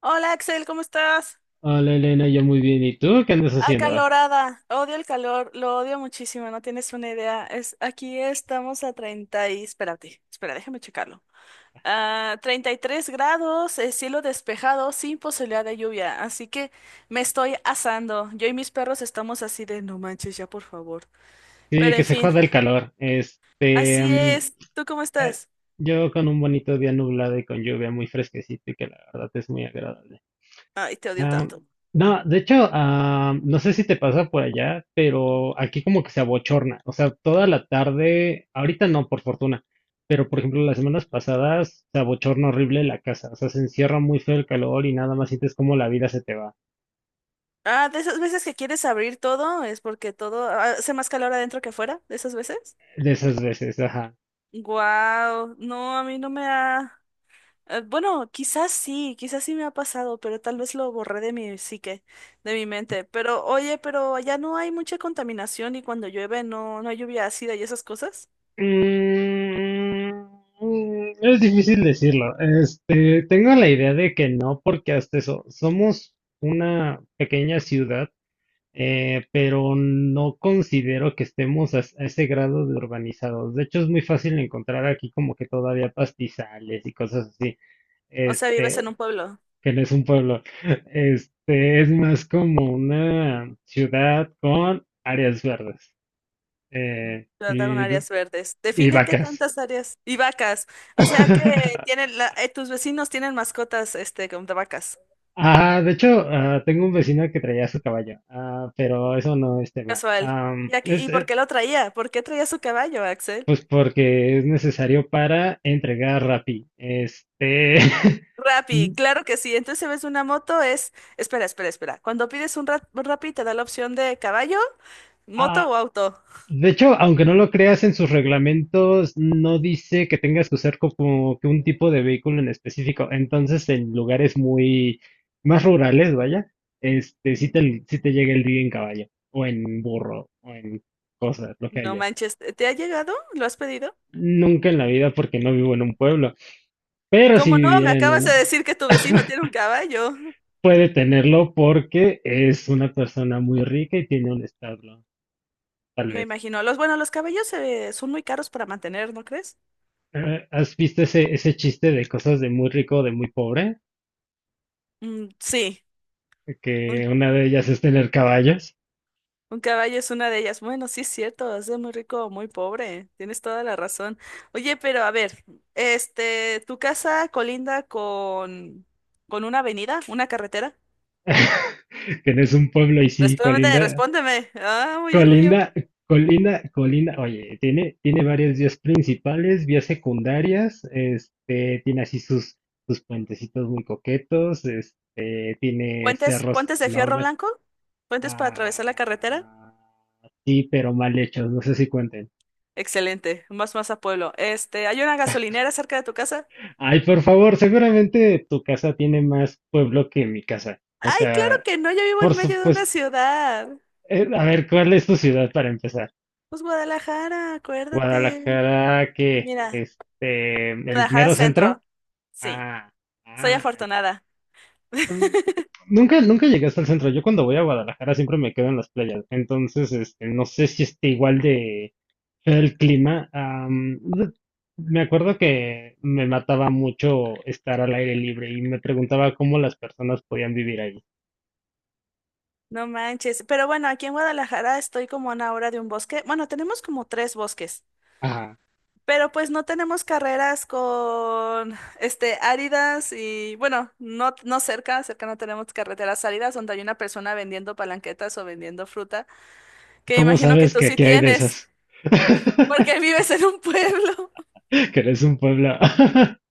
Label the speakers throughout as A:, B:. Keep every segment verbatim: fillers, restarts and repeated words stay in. A: Hola Axel, ¿cómo estás?
B: Hola Elena, yo muy bien. ¿Y tú qué andas haciendo?
A: Acalorada, odio el calor, lo odio muchísimo, no tienes una idea. Es, aquí estamos a treinta y— Espérate, espera, déjame checarlo. A treinta y tres grados, eh, cielo despejado, sin posibilidad de lluvia, así que me estoy asando. Yo y mis perros estamos así de no manches ya, por favor.
B: Sí,
A: Pero
B: que
A: en
B: se
A: fin,
B: joda el calor. Este,
A: así
B: mm,
A: es. ¿Tú cómo
B: eh,
A: estás?
B: yo con un bonito día nublado y con lluvia muy fresquecito y que la verdad es muy agradable.
A: Ay, te odio
B: Ah,
A: tanto.
B: no, de hecho, ah, no sé si te pasa por allá, pero aquí como que se abochorna. O sea, toda la tarde, ahorita no, por fortuna, pero por ejemplo las semanas pasadas se abochorna horrible la casa. O sea, se encierra muy feo el calor y nada más sientes como la vida se te va.
A: Ah, de esas veces que quieres abrir todo, es porque todo ah, hace más calor adentro que afuera, de esas veces.
B: De esas veces, ajá.
A: Wow, no, a mí no me ha— eh, bueno, quizás sí, quizás sí me ha pasado, pero tal vez lo borré de mi psique, de mi mente. Pero oye, pero allá no hay mucha contaminación y cuando llueve no, no hay lluvia ácida y esas cosas.
B: Mm, es difícil decirlo. Este, tengo la idea de que no, porque hasta eso, somos una pequeña ciudad, eh, pero no considero que estemos a, a ese grado de urbanizados. De hecho, es muy fácil encontrar aquí como que todavía pastizales y cosas así.
A: O sea, vives
B: Este,
A: en un pueblo,
B: que no es un pueblo. Este, es más como una ciudad con áreas verdes, eh,
A: ¿verdad? Con
B: y,
A: áreas verdes.
B: y
A: Define qué
B: vacas.
A: tantas áreas y vacas. O sea que tienen la- eh, tus vecinos tienen mascotas, este, como de vacas.
B: Ah, de hecho, ah, tengo un vecino que traía su caballo, ah, pero eso no es tema.
A: Casual.
B: Am,
A: ¿Y, aquí-
B: es,
A: y por
B: es,
A: qué lo traía? ¿Por qué traía su caballo, Axel?
B: pues porque es necesario para entregar Rappi. Este,
A: Rappi,
B: n-
A: claro que sí. Entonces si ves una moto, es, espera, espera, espera. Cuando pides un, ra- un Rappi te da la opción de caballo, moto
B: ah,
A: o auto.
B: de hecho, aunque no lo creas en sus reglamentos, no dice que tengas que usar co- como que un tipo de vehículo en específico. Entonces, en lugares muy más rurales, vaya, este, sí te, sí te llega el día en caballo, o en burro, o en cosas, lo que
A: No
B: haya.
A: manches, ¿te te ha llegado? ¿Lo has pedido?
B: Nunca en la vida porque no vivo en un pueblo, pero si
A: ¿Cómo no? Me
B: viviera en
A: acabas de
B: una,
A: decir que tu vecino tiene un caballo.
B: puede tenerlo porque es una persona muy rica y tiene un establo, tal
A: Me
B: vez.
A: imagino. Los, bueno, los caballos eh, son muy caros para mantener, ¿no crees?
B: Eh, ¿Has visto ese, ese chiste de cosas de muy rico, de muy pobre?
A: Mm, sí. Mm,
B: Que una de ellas es tener caballos.
A: Un caballo es una de ellas. Bueno, sí es cierto, es de muy rico o muy pobre. Tienes toda la razón. Oye, pero a ver, este, ¿tu casa colinda con, con una avenida, una carretera?
B: Que no es un pueblo y sí,
A: Respóndeme,
B: colinda.
A: respóndeme. Ah, muy bien, muy bien.
B: Colinda Colinda, Colinda, oye, tiene, tiene varias vías principales, vías secundarias, este, tiene así sus, sus puentecitos muy coquetos, este, tiene
A: ¿Puentes,
B: cerros
A: puentes de fierro
B: enormes.
A: blanco? ¿Puentes para atravesar la carretera?
B: ah, sí, pero mal hechos, no sé si cuenten.
A: Excelente, más más a pueblo. Este, ¿hay una gasolinera cerca de tu casa?
B: Ay, por favor, seguramente tu casa tiene más pueblo que mi casa, o
A: Ay, claro
B: sea,
A: que no, yo vivo en
B: por
A: medio de una
B: supuesto.
A: ciudad.
B: Eh, a ver, ¿cuál es tu ciudad para empezar?
A: Pues Guadalajara, acuérdate.
B: Guadalajara, que,
A: Mira,
B: este, el
A: Guadalajara
B: mero
A: Centro.
B: centro.
A: Sí.
B: Ah,
A: Soy
B: ah,
A: afortunada.
B: mm, Nunca, nunca llegué hasta el centro. Yo cuando voy a Guadalajara siempre me quedo en las playas. Entonces, este, no sé si esté igual de feo el clima. Am, de- me acuerdo que me mataba mucho estar al aire libre y me preguntaba cómo las personas podían vivir ahí.
A: No manches. Pero bueno, aquí en Guadalajara estoy como a una hora de un bosque. Bueno, tenemos como tres bosques,
B: Ah,
A: pero pues no tenemos carreras con este áridas y bueno, no, no cerca, cerca no tenemos carreteras áridas donde hay una persona vendiendo palanquetas o vendiendo fruta, que
B: ¿cómo
A: imagino que
B: sabes
A: tú
B: que
A: sí
B: aquí hay de esas?
A: tienes, porque vives en un pueblo.
B: Que eres un pueblo.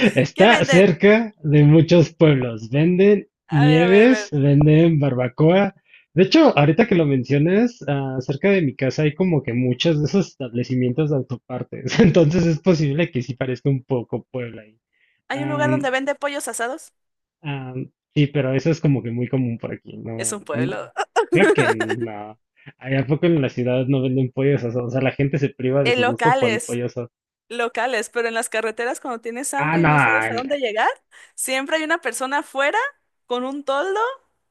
A: ¿Qué
B: Está
A: venden?
B: cerca de muchos pueblos, venden
A: A ver, a ver, a
B: nieves,
A: ver.
B: venden barbacoa. De hecho, ahorita que lo mencionas, ah, cerca de mi casa hay como que muchos de esos establecimientos de autopartes. Entonces es posible que sí parezca un poco Puebla ahí.
A: ¿Hay un lugar donde
B: Am,
A: vende pollos asados?
B: am, sí, pero eso es como que muy común por aquí.
A: Es
B: No,
A: un
B: n-
A: pueblo.
B: creo que no. Allá, ¿a poco en la ciudad no venden pollos asados? O sea, la gente se priva de
A: En
B: su gusto por el
A: locales.
B: pollo asado.
A: Locales, pero en las carreteras cuando tienes
B: Ah,
A: hambre y
B: no.
A: no sabes a dónde
B: No.
A: llegar, siempre hay una persona afuera con un toldo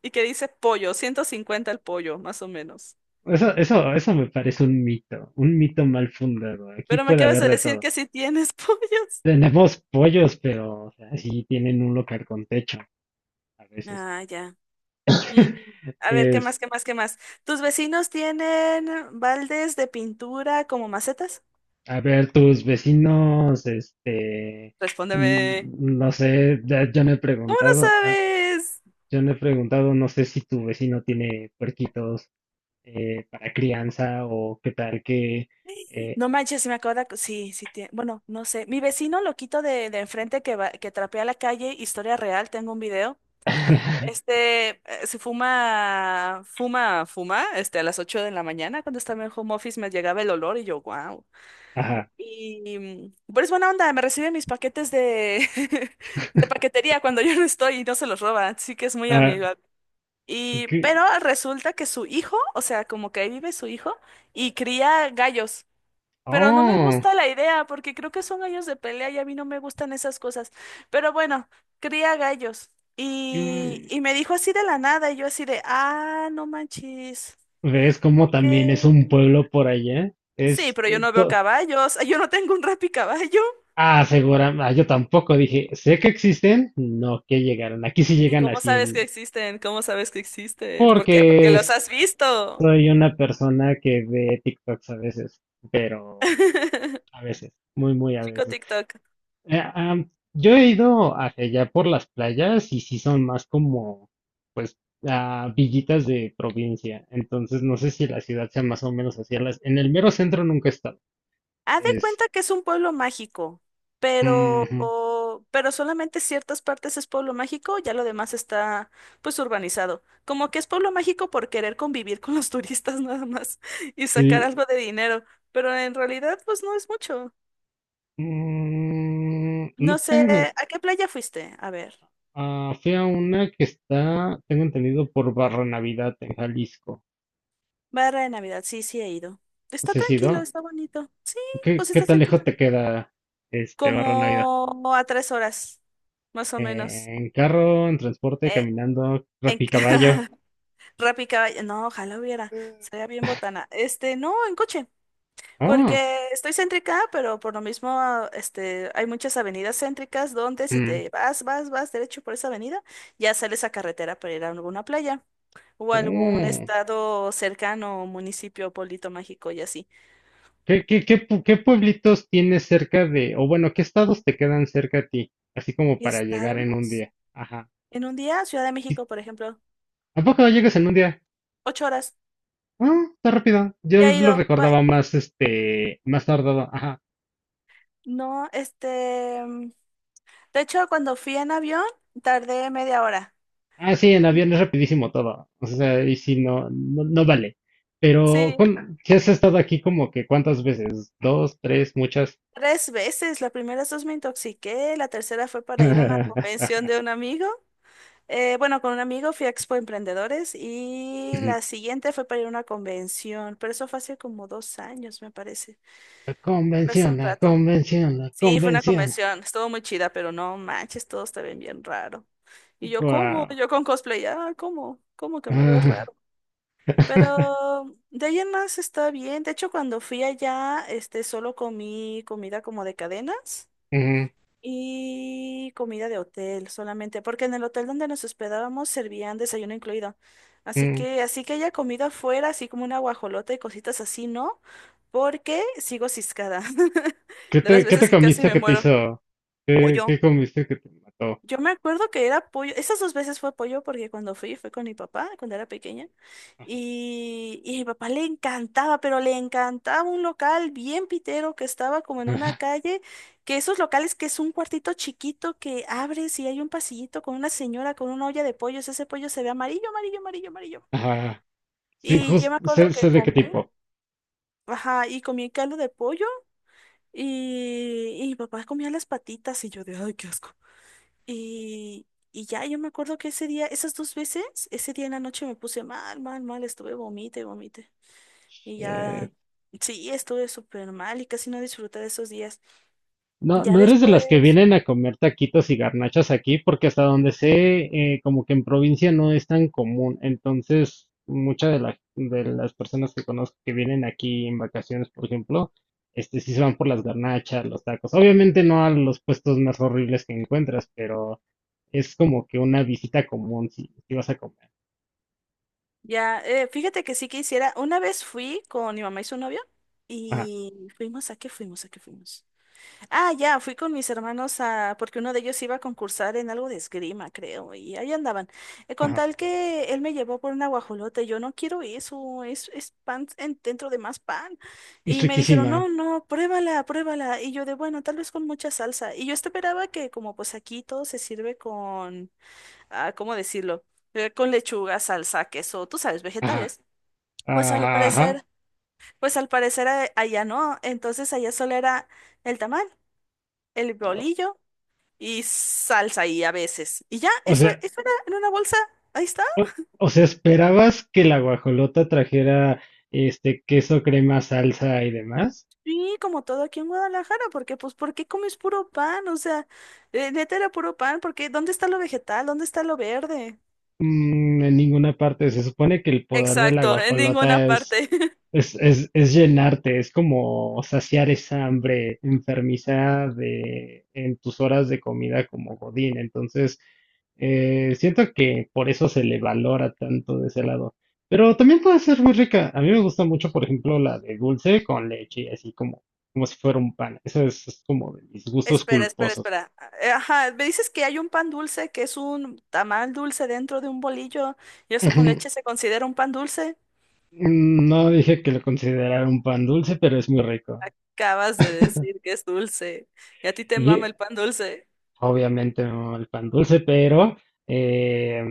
A: y que dice pollo, ciento cincuenta el pollo, más o menos.
B: Eso, eso, eso me parece un mito, un mito mal fundado. Aquí
A: Pero me
B: puede
A: acabas
B: haber
A: de
B: de
A: decir
B: todo.
A: que sí tienes pollos.
B: Tenemos pollos, pero o sea, sí tienen un local con techo a veces.
A: Ah, ya. Mm, A ver, ¿qué
B: Es,
A: más, qué más, qué más? ¿Tus vecinos tienen baldes de pintura como macetas?
B: a ver, tus vecinos, este,
A: Respóndeme.
B: mm, no sé, ya- yo no he
A: ¿Cómo no
B: preguntado, ah,
A: sabes?
B: yo no he preguntado, no sé si tu vecino tiene puerquitos, eh, para crianza o qué tal que, eh,
A: No manches, se me acaba de— Sí, sí, tie- bueno, no sé. Mi vecino loquito de, de enfrente que, va, que trapea la calle, historia real, tengo un video. Este, eh, se fuma, fuma, fuma, este, a las ocho de la mañana cuando estaba en home office me llegaba el olor y yo, wow.
B: ajá,
A: Y, mm, pero es buena onda, me recibe mis paquetes de, de paquetería cuando yo no estoy y no se los roba, así que es muy
B: ah,
A: amigo. Y,
B: qué
A: pero resulta que su hijo, o sea, como que ahí vive su hijo y cría gallos. Pero no me
B: oh,
A: gusta la idea, porque creo que son gallos de pelea y a mí no me gustan esas cosas. Pero bueno, cría gallos. Y,
B: mm.
A: y me dijo así de la nada, y yo así de, ah, no manches.
B: ¿Ves cómo
A: Ok.
B: también es un pueblo por allá?
A: Sí, pero yo no veo
B: To-
A: caballos. Yo no tengo un caballo.
B: ah, Segura, ah, yo tampoco dije, sé que existen, no que llegaron. Aquí sí
A: ¿Y
B: llegan
A: cómo
B: así
A: sabes que
B: en...
A: existen? ¿Cómo sabes que existen? ¿Por qué? Porque
B: Porque
A: los
B: es-
A: has visto.
B: Soy una persona que ve TikToks a veces, pero a veces, muy, muy a
A: Chico
B: veces.
A: TikTok.
B: Eh, am, yo he ido hacia allá por las playas y sí son más como, pues, ah, villitas de provincia. Entonces no sé si la ciudad sea más o menos así. En las- en el mero centro nunca he estado.
A: Haz de
B: Es...
A: cuenta que es un pueblo mágico, pero,
B: ujú.
A: o- pero solamente ciertas partes es pueblo mágico, ya lo demás está pues urbanizado. Como que es pueblo mágico por querer convivir con los turistas nada más y sacar
B: Sí.
A: algo de dinero, pero en realidad pues no es mucho.
B: Mm, no
A: No sé,
B: tengo.
A: ¿a qué playa fuiste? A ver,
B: Ah, fui a una que está, tengo entendido, por Barra Navidad en Jalisco.
A: Barra de Navidad, sí, sí he ido. Está
B: ¿Ese sí,
A: tranquilo,
B: no?
A: está bonito. Sí,
B: ¿Qué,
A: pues
B: qué
A: está
B: tan lejos
A: cerquita.
B: te queda este Barra Navidad?
A: Como a tres horas, más o menos.
B: Eh, ¿en carro, en transporte,
A: Eh,
B: caminando,
A: en...
B: rapicaballo?
A: Rappi caballo. No, ojalá hubiera. Sería bien botana. Este, no, en coche.
B: Oh,
A: Porque estoy céntrica, pero por lo mismo, este, hay muchas avenidas céntricas donde si
B: mm,
A: te vas, vas, vas derecho por esa avenida, ya sales a carretera para ir a alguna playa o algún
B: oh.
A: estado cercano, municipio, pueblito mágico y así.
B: ¿Qué, qué, qué, pu- ¿qué pueblitos tienes cerca de, o bueno, qué estados te quedan cerca a ti? Así como para llegar en un
A: ¿Estados?
B: día. Ajá.
A: En un día, Ciudad de México, por ejemplo,
B: ¿A poco no llegas en un día?
A: ocho horas.
B: Ah, está rápido. Yo
A: Ya he
B: lo
A: ido. Cua-
B: recordaba más, este, más tardado. Ajá.
A: No, este, de hecho, cuando fui en avión, tardé media hora.
B: Ah, sí, en avión es rapidísimo todo. O sea, y si no, no, no vale. Pero,
A: Sí,
B: ¿cuán- si has estado aquí como que cuántas veces? ¿Dos, tres, muchas?
A: tres veces, las primeras dos me intoxiqué, la tercera fue para ir a una convención de un amigo. Eh, bueno, con un amigo fui a Expo Emprendedores y la siguiente fue para ir a una convención, pero eso fue hace como dos años, me parece. Fue hace
B: Convención,
A: un
B: la
A: rato.
B: convención, la
A: Sí, fue una
B: convención.
A: convención, estuvo muy chida, pero no manches, todo está bien, bien raro. Y yo, ¿cómo?
B: Wow.
A: Yo con cosplay, ah, ¿cómo? ¿Cómo que me veo raro? Pero de ahí en más está bien. De hecho, cuando fui allá, este, solo comí comida como de cadenas. Y comida de hotel solamente, porque en el hotel donde nos hospedábamos servían desayuno incluido. Así que, así que haya comido afuera, así como una guajolota y cositas así, ¿no? Porque sigo ciscada.
B: ¿Qué
A: De las
B: te, ¿qué te
A: veces casi
B: comiste
A: me
B: que te
A: muero.
B: hizo? ¿Qué,
A: Pollo.
B: qué comiste que te mató?
A: Yo me acuerdo que era pollo, esas dos veces fue pollo porque cuando fui fue con mi papá cuando era pequeña y, y a mi papá le encantaba, pero le encantaba un local bien pitero que estaba como en una calle, que esos locales que es un cuartito chiquito que abres y hay un pasillito con una señora con una olla de pollos, ese pollo se ve amarillo, amarillo, amarillo, amarillo.
B: Ajá. Sí,
A: Y yo me
B: justo
A: acuerdo
B: sé,
A: que
B: sé de qué
A: comí,
B: tipo.
A: ajá, y comí caldo de pollo y, y mi papá comía las patitas y yo de, ay, qué asco. Y, y ya yo me acuerdo que ese día, esas dos veces, ese día en la noche me puse mal, mal, mal, estuve vomite, y vomite. Y
B: Eh,
A: ya, sí, estuve súper mal y casi no disfruté de esos días.
B: No,
A: Ya
B: no eres de las que
A: después,
B: vienen a comer taquitos y garnachas aquí, porque hasta donde sé, eh, como que en provincia no es tan común. Entonces, muchas de, la- de las personas que conozco que vienen aquí en vacaciones, por ejemplo, este, sí se van por las garnachas, los tacos. Obviamente no a los puestos más horribles que encuentras, pero es como que una visita común si, si vas a comer.
A: ya, eh, fíjate que sí que hiciera, una vez fui con mi mamá y su novio
B: Ajá,
A: y fuimos a qué fuimos, a qué fuimos. Ah, ya, fui con mis hermanos a, porque uno de ellos iba a concursar en algo de esgrima, creo, y ahí andaban. Eh, con
B: ajá.
A: tal que él me llevó por una guajolota, y yo no quiero eso, es, es pan en- dentro de más pan.
B: Es
A: Y me dijeron,
B: riquísima.
A: no, no, pruébala, pruébala. Y yo de, bueno, tal vez con mucha salsa. Y yo esperaba que como pues aquí todo se sirve con, ah, ¿cómo decirlo? Eh, con lechuga, salsa, queso, tú sabes,
B: Ajá,
A: vegetales. Pues al
B: ajá, ajá.
A: parecer, pues al parecer eh, allá no, entonces allá solo era el tamal, el bolillo y salsa y a veces. Y ya,
B: O
A: eso,
B: sea,
A: eso era en una bolsa. Ahí está.
B: O, o sea, ¿esperabas que la guajolota trajera este queso, crema, salsa y demás?
A: Sí, como todo aquí en Guadalajara, porque pues, ¿por qué comes puro pan? O sea, eh, neta era puro pan, porque ¿dónde está lo vegetal? ¿Dónde está lo verde?
B: Mm, en ninguna parte. Se supone que el poder de la
A: Exacto, en ninguna
B: guajolota es
A: parte.
B: Es, es, es llenarte, es como saciar esa hambre enfermiza de en tus horas de comida como Godín. Entonces, eh, siento que por eso se le valora tanto de ese lado. Pero también puede ser muy rica. A mí me gusta mucho, por ejemplo, la de dulce con leche, así como, como si fuera un pan. Eso es, es como de mis gustos
A: Espera, espera,
B: culposos.
A: espera. Eh, Ajá, me dices que hay un pan dulce, que es un tamal dulce dentro de un bolillo, y eso con
B: Ujú.
A: leche se considera un pan dulce.
B: No dije que lo considerara un pan dulce, pero es muy rico.
A: Acabas de decir que es dulce, y a ti te mama
B: Di-
A: el pan dulce.
B: Obviamente no el pan dulce, pero eh,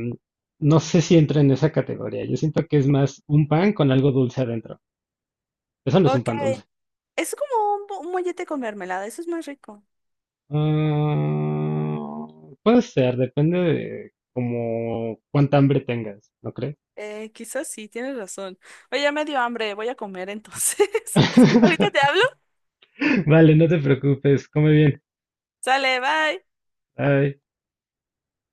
B: no sé si entra en esa categoría. Yo siento que es más un pan con algo dulce adentro. Eso no es un
A: Ok.
B: pan dulce.
A: Es como un, bo- un mollete con mermelada, eso es más rico.
B: Ah, Puede ser, depende de como cuánta hambre tengas, ¿no crees?
A: Eh, quizás sí, tienes razón. Oye, ya me dio hambre, voy a comer entonces. Ahorita te hablo.
B: Vale, no te preocupes, come bien.
A: Sale, bye.
B: Bye.